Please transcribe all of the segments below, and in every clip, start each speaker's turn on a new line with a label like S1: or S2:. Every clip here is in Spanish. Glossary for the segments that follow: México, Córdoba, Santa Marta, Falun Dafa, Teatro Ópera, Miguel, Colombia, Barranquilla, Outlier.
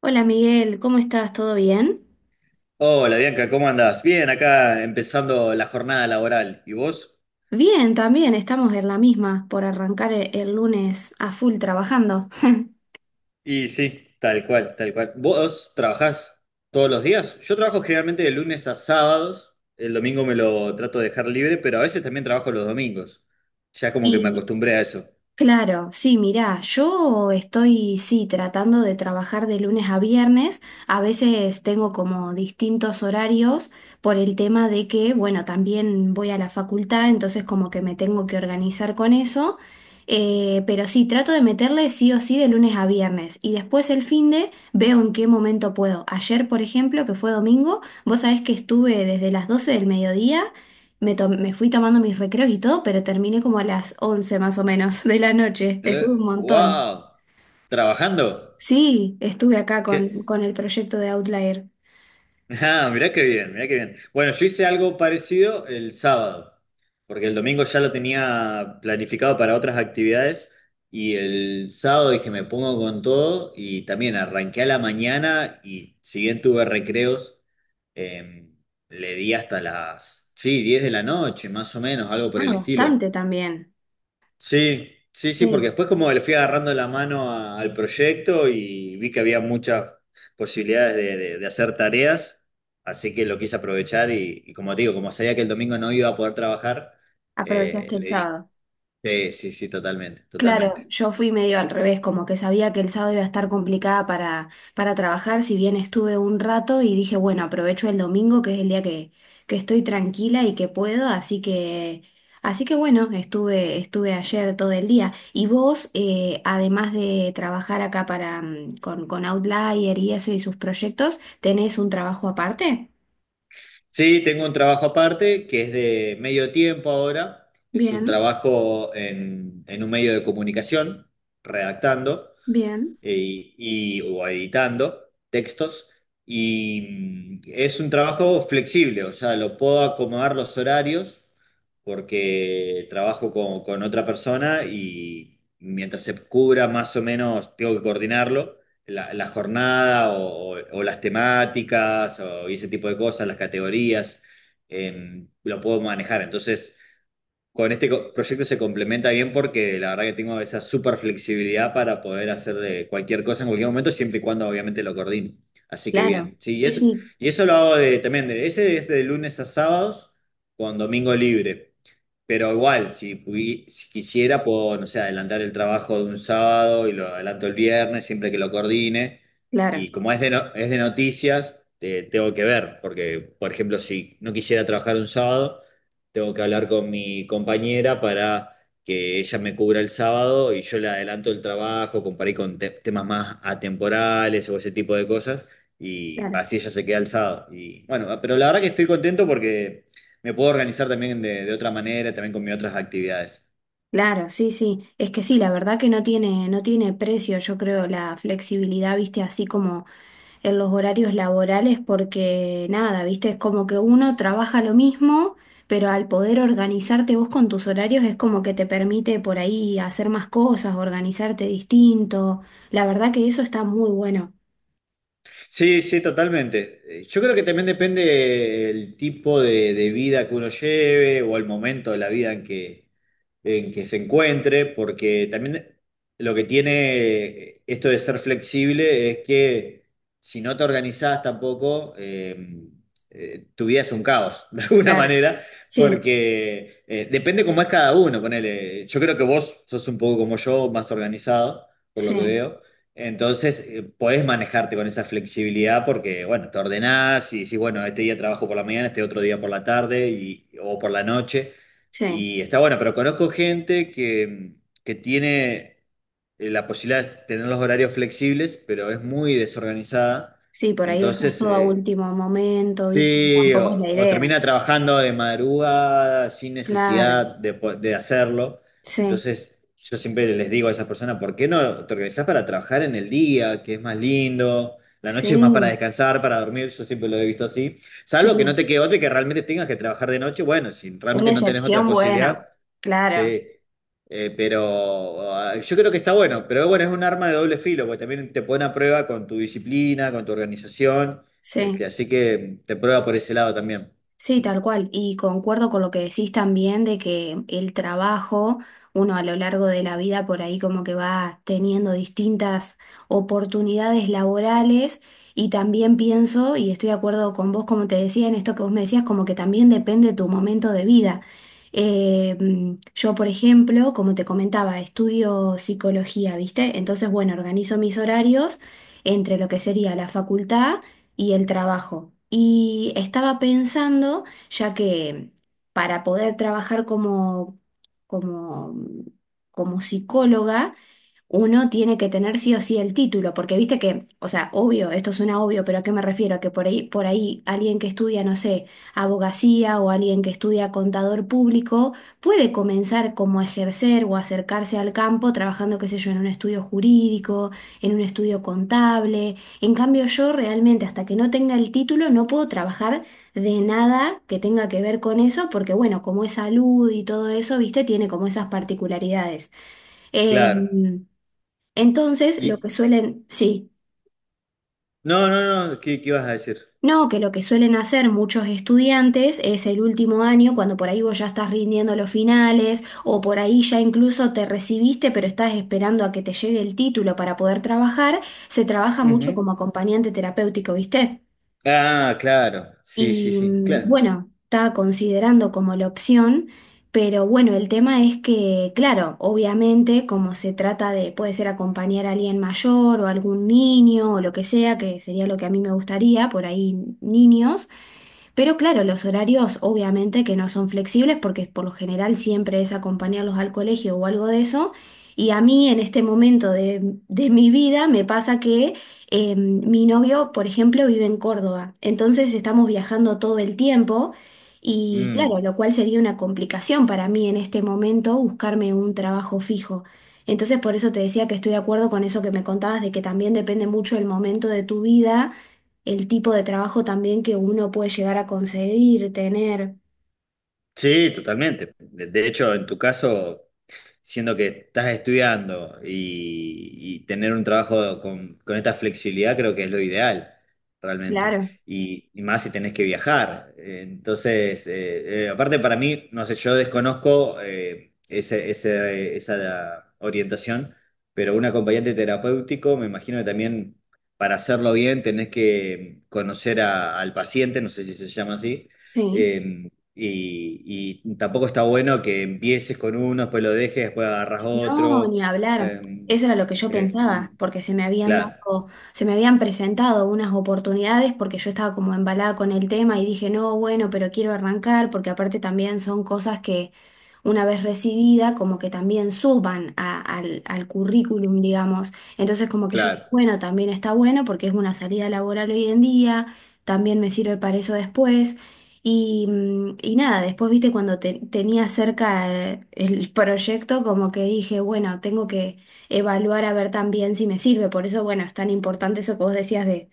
S1: Hola Miguel, ¿cómo estás? ¿Todo bien?
S2: Hola Bianca, ¿cómo andás? Bien, acá empezando la jornada laboral. ¿Y vos?
S1: Bien, también estamos en la misma por arrancar el lunes a full trabajando.
S2: Y sí, tal cual, tal cual. ¿Vos trabajás todos los días? Yo trabajo generalmente de lunes a sábados. El domingo me lo trato de dejar libre, pero a veces también trabajo los domingos. Ya como que me
S1: Y
S2: acostumbré a eso.
S1: claro, sí, mirá, yo estoy, sí, tratando de trabajar de lunes a viernes. A veces tengo como distintos horarios por el tema de que, bueno, también voy a la facultad, entonces como que me tengo que organizar con eso. Pero sí, trato de meterle sí o sí de lunes a viernes. Y después el fin de veo en qué momento puedo. Ayer, por ejemplo, que fue domingo, vos sabés que estuve desde las 12 del mediodía. Me fui tomando mis recreos y todo, pero terminé como a las 11 más o menos de la noche. Estuve un
S2: ¿Eh?
S1: montón.
S2: ¡Wow! ¿Trabajando?
S1: Sí, estuve acá
S2: ¿Qué?
S1: con el proyecto de Outlier.
S2: Ah, mirá qué bien, mirá qué bien. Bueno, yo hice algo parecido el sábado, porque el domingo ya lo tenía planificado para otras actividades y el sábado dije me pongo con todo y también arranqué a la mañana y si bien tuve recreos, eh, le di hasta las, sí, 10 de la noche, más o menos, algo por
S1: Ah,
S2: el estilo.
S1: bastante también.
S2: Sí, sí, sí, porque
S1: Sí,
S2: después como le fui agarrando la mano al proyecto y vi que había muchas posibilidades de hacer tareas, así que lo quise aprovechar y como te digo, como sabía que el domingo no iba a poder trabajar,
S1: aprovechaste el
S2: le di...
S1: sábado.
S2: Sí, sí, sí, totalmente,
S1: Claro,
S2: totalmente.
S1: yo fui medio al revés, como que sabía que el sábado iba a estar complicada para trabajar, si bien estuve un rato y dije, bueno, aprovecho el domingo, que es el día que estoy tranquila y que puedo, así que bueno, estuve ayer todo el día. Y vos, además de trabajar acá para, con Outlier y eso y sus proyectos, ¿tenés un trabajo aparte?
S2: Sí, tengo un trabajo aparte que es de medio tiempo ahora, es un
S1: Bien,
S2: trabajo en un medio de comunicación, redactando.
S1: bien.
S2: Y, o editando textos. Y es un trabajo flexible, o sea, lo puedo acomodar los horarios porque trabajo con otra persona y mientras se cubra más o menos, tengo que coordinarlo, la jornada o las temáticas o ese tipo de cosas, las categorías, lo puedo manejar. Entonces con este proyecto se complementa bien porque la verdad que tengo esa super flexibilidad para poder hacer cualquier cosa en cualquier momento, siempre y cuando obviamente lo coordine. Así que
S1: Claro.
S2: bien, sí,
S1: Sí, sí,
S2: y eso lo hago de, también, de, ese es de lunes a sábados con domingo libre. Pero igual, si, si quisiera, puedo, no sé, adelantar el trabajo de un sábado y lo adelanto el viernes, siempre que lo coordine.
S1: claro,
S2: Y como es de, es de noticias, tengo que ver, porque, por ejemplo, si no quisiera trabajar un sábado, tengo que hablar con mi compañera para que ella me cubra el sábado y yo le adelanto el trabajo, comparé con temas más atemporales o ese tipo de cosas, y
S1: claro.
S2: así ella se queda el sábado. Y bueno, pero la verdad que estoy contento porque... Me puedo organizar también de otra manera, también con mis otras actividades.
S1: Claro, sí, sí. Es que sí, la verdad que no tiene precio, yo creo, la flexibilidad, viste, así como en los horarios laborales, porque nada, viste, es como que uno trabaja lo mismo, pero al poder organizarte vos con tus horarios es como que te permite por ahí hacer más cosas, organizarte distinto. La verdad que eso está muy bueno.
S2: Sí, sí, totalmente. Yo creo que también depende el tipo de vida que uno lleve o el momento de la vida en que se encuentre, porque también lo que tiene esto de ser flexible es que si no te organizás tampoco, tu vida es un caos, de alguna
S1: Claro.
S2: manera,
S1: Sí,
S2: porque depende cómo es cada uno, ponele, yo creo que vos sos un poco como yo, más organizado, por lo que
S1: sí,
S2: veo. Entonces, podés manejarte con esa flexibilidad porque, bueno, te ordenás y decís, bueno, este día trabajo por la mañana, este otro día por la tarde y, o por la noche.
S1: sí.
S2: Y está bueno, pero conozco gente que tiene la posibilidad de tener los horarios flexibles, pero es muy desorganizada.
S1: Sí, por ahí dejas
S2: Entonces,
S1: todo a último momento, viste,
S2: sí,
S1: tampoco es la
S2: o
S1: idea.
S2: termina trabajando de madrugada sin
S1: Claro,
S2: necesidad de, de hacerlo.
S1: sí,
S2: Entonces, yo siempre les digo a esas personas, ¿por qué no te organizás para trabajar en el día, que es más lindo? La noche es más para
S1: sí.
S2: descansar, para dormir, yo siempre lo he visto así.
S1: Sí,
S2: Salvo que no te quede otra y que realmente tengas que trabajar de noche, bueno, si
S1: una
S2: realmente no tenés otra
S1: excepción, bueno,
S2: posibilidad,
S1: claro,
S2: sí. Pero ah, yo creo que está bueno, pero bueno, es un arma de doble filo, porque también te pone a prueba con tu disciplina, con tu organización. Este,
S1: sí.
S2: así que te prueba por ese lado también.
S1: Sí, tal cual. Y concuerdo con lo que decís también de que el trabajo, uno a lo largo de la vida por ahí como que va teniendo distintas oportunidades laborales y también pienso, y estoy de acuerdo con vos, como te decía, en esto que vos me decías, como que también depende tu momento de vida. Yo, por ejemplo, como te comentaba, estudio psicología, ¿viste? Entonces, bueno, organizo mis horarios entre lo que sería la facultad y el trabajo. Y estaba pensando, ya que para poder trabajar como, como psicóloga, uno tiene que tener sí o sí el título, porque viste que, o sea, obvio, esto suena obvio, pero ¿a qué me refiero? Que por ahí alguien que estudia, no sé, abogacía o alguien que estudia contador público puede comenzar como a ejercer o acercarse al campo trabajando, qué sé yo, en un estudio jurídico, en un estudio contable en cambio, yo realmente hasta que no tenga el título no puedo trabajar de nada que tenga que ver con eso, porque bueno, como es salud y todo eso, viste, tiene como esas particularidades. Eh,
S2: Claro.
S1: entonces, lo
S2: Y
S1: que suelen, sí,
S2: no, no, no, ¿qué, qué vas a decir?
S1: no, que lo que suelen hacer muchos estudiantes es el último año, cuando por ahí vos ya estás rindiendo los finales, o por ahí ya incluso te recibiste, pero estás esperando a que te llegue el título para poder trabajar, se trabaja mucho
S2: Ujú.
S1: como acompañante terapéutico, ¿viste?
S2: Ah, claro. Sí, sí,
S1: Y
S2: sí. Claro.
S1: bueno, estaba considerando como la opción, pero bueno, el tema es que, claro, obviamente, como se trata de, puede ser acompañar a alguien mayor o algún niño o lo que sea, que sería lo que a mí me gustaría, por ahí niños. Pero claro, los horarios obviamente que no son flexibles porque por lo general siempre es acompañarlos al colegio o algo de eso. Y a mí en este momento de mi vida me pasa que mi novio, por ejemplo, vive en Córdoba. Entonces estamos viajando todo el tiempo y
S2: Mm.
S1: claro, lo cual sería una complicación para mí en este momento buscarme un trabajo fijo. Entonces por eso te decía que estoy de acuerdo con eso que me contabas de que también depende mucho el momento de tu vida el tipo de trabajo también que uno puede llegar a conseguir, tener.
S2: Sí, totalmente. De hecho, en tu caso, siendo que estás estudiando y tener un trabajo con esta flexibilidad creo que es lo ideal, realmente.
S1: Claro,
S2: Y más si tenés que viajar. Entonces, aparte para mí, no sé, yo desconozco esa orientación, pero un acompañante terapéutico, me imagino que también para hacerlo bien tenés que conocer al paciente, no sé si se llama así
S1: sí.
S2: eh, y, y tampoco está bueno que empieces con uno, después lo dejes, después agarras
S1: No,
S2: otro.
S1: ni hablar.
S2: Eh,
S1: Eso era lo que yo
S2: eh,
S1: pensaba, porque se me habían
S2: claro,
S1: dado, se me habían presentado unas oportunidades porque yo estaba como embalada con el tema y dije, no, bueno, pero quiero arrancar, porque aparte también son cosas que una vez recibida, como que también suban al currículum, digamos. Entonces, como que yo,
S2: claro.
S1: bueno, también está bueno porque es una salida laboral hoy en día, también me sirve para eso después. Y, y nada, después, viste, cuando tenía cerca el proyecto, como que dije, bueno, tengo que evaluar a ver también si me sirve. Por eso, bueno, es tan importante eso que vos decías de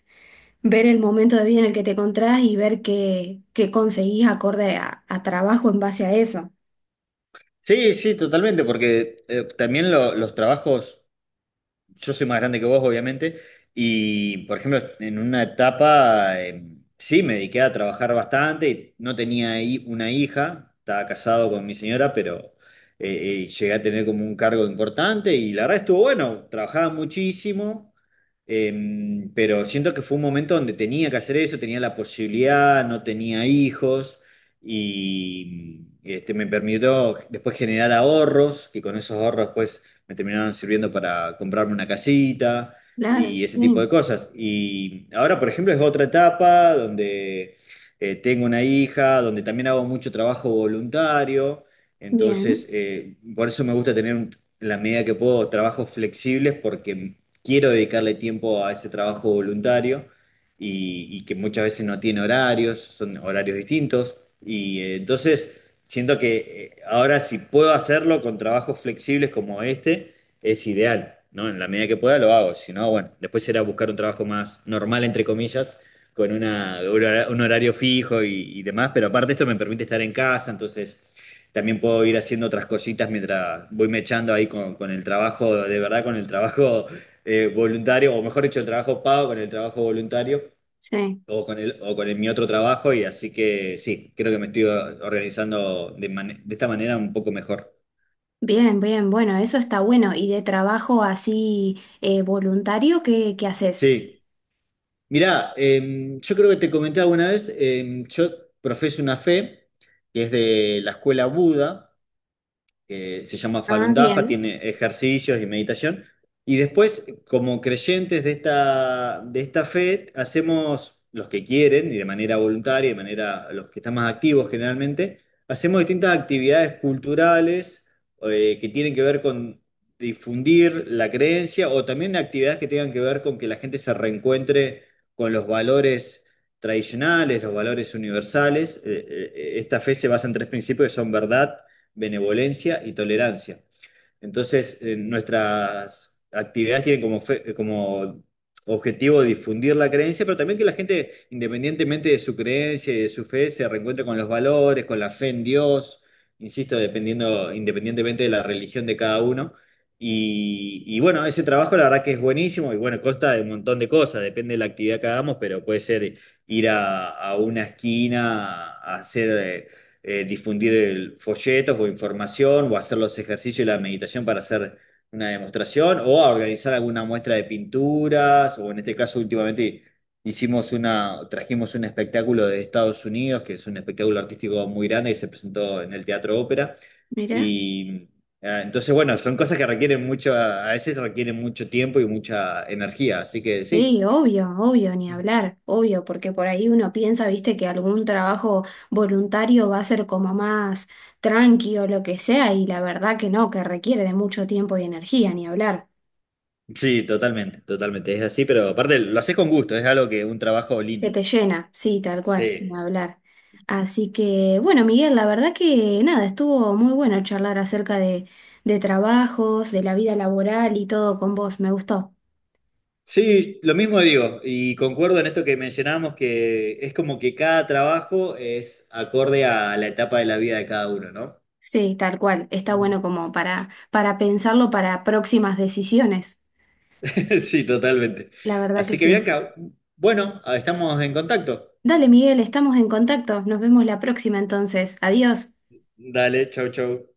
S1: ver el momento de vida en el que te encontrás y ver qué, qué conseguís acorde a trabajo en base a eso.
S2: Sí, sí, totalmente, porque también los trabajos. Yo soy más grande que vos, obviamente, y por ejemplo, en una etapa sí me dediqué a trabajar bastante, no tenía una hija, estaba casado con mi señora, pero llegué a tener como un cargo importante y la verdad estuvo bueno, trabajaba muchísimo, pero siento que fue un momento donde tenía que hacer eso, tenía la posibilidad, no tenía hijos. Y este, me permitió después generar ahorros, que con esos ahorros después me terminaron sirviendo para comprarme una casita
S1: Claro,
S2: y ese tipo de
S1: sí.
S2: cosas. Y ahora, por ejemplo, es otra etapa donde tengo una hija, donde también hago mucho trabajo voluntario,
S1: Bien,
S2: entonces por eso me gusta tener en la medida que puedo trabajos flexibles porque quiero dedicarle tiempo a ese trabajo voluntario y que muchas veces no tiene horarios, son horarios distintos. Y entonces siento que ahora si puedo hacerlo con trabajos flexibles como este, es ideal, ¿no? En la medida que pueda lo hago, si no, bueno, después será buscar un trabajo más normal, entre comillas, con una, un un horario fijo y demás, pero aparte esto me permite estar en casa, entonces también puedo ir haciendo otras cositas mientras voy mechando ahí con el trabajo, de verdad, con el trabajo voluntario, o mejor dicho, el trabajo pago con el trabajo voluntario
S1: sí.
S2: o con el, o con mi otro trabajo y así que sí, creo que me estoy organizando de, de esta manera un poco mejor.
S1: Bien, bien, bueno, eso está bueno. ¿Y de trabajo así voluntario, qué, qué haces?
S2: Sí, mirá, yo creo que te comenté alguna vez, yo profeso una fe que es de la escuela Buda que se llama
S1: Ah,
S2: Falun Dafa,
S1: bien,
S2: tiene ejercicios y meditación. Y después, como creyentes de esta fe, hacemos los que quieren y de manera voluntaria, de manera los que están más activos generalmente, hacemos distintas actividades culturales que tienen que ver con difundir la creencia o también actividades que tengan que ver con que la gente se reencuentre con los valores tradicionales, los valores universales. Esta fe se basa en tres principios que son verdad, benevolencia y tolerancia. Entonces, nuestras actividades tienen como, como objetivo difundir la creencia, pero también que la gente, independientemente de su creencia y de su fe, se reencuentre con los valores, con la fe en Dios, insisto, dependiendo, independientemente de la religión de cada uno. Y bueno, ese trabajo la verdad que es buenísimo y bueno, consta de un montón de cosas, depende de la actividad que hagamos, pero puede ser ir a una esquina a hacer... difundir folletos o información o hacer los ejercicios y la meditación para hacer una demostración o a organizar alguna muestra de pinturas o en este caso últimamente hicimos una, trajimos un espectáculo de Estados Unidos que es un espectáculo artístico muy grande que se presentó en el Teatro Ópera
S1: mira.
S2: y entonces bueno, son cosas que requieren mucho, a veces requieren mucho tiempo y mucha energía, así que sí.
S1: Sí, obvio, obvio, ni hablar, obvio, porque por ahí uno piensa, viste, que algún trabajo voluntario va a ser como más tranqui o lo que sea, y la verdad que no, que requiere de mucho tiempo y energía, ni hablar,
S2: Sí, totalmente, totalmente. Es así, pero aparte lo haces con gusto, es algo que un trabajo
S1: que
S2: lindo.
S1: te llena, sí, tal cual, ni
S2: Sí,
S1: hablar. Así que, bueno, Miguel, la verdad que nada, estuvo muy bueno charlar acerca de trabajos, de la vida laboral y todo con vos, me gustó.
S2: sí, lo mismo digo, y concuerdo en esto que mencionábamos, que es como que cada trabajo es acorde a la etapa de la vida de cada uno, ¿no?
S1: Sí, tal cual, está
S2: Mm.
S1: bueno como para pensarlo para próximas decisiones,
S2: Sí, totalmente.
S1: la verdad que
S2: Así que
S1: sí.
S2: Bianca, bueno, estamos en contacto.
S1: Dale, Miguel, estamos en contacto. Nos vemos la próxima entonces. Adiós.
S2: Dale, chau, chau.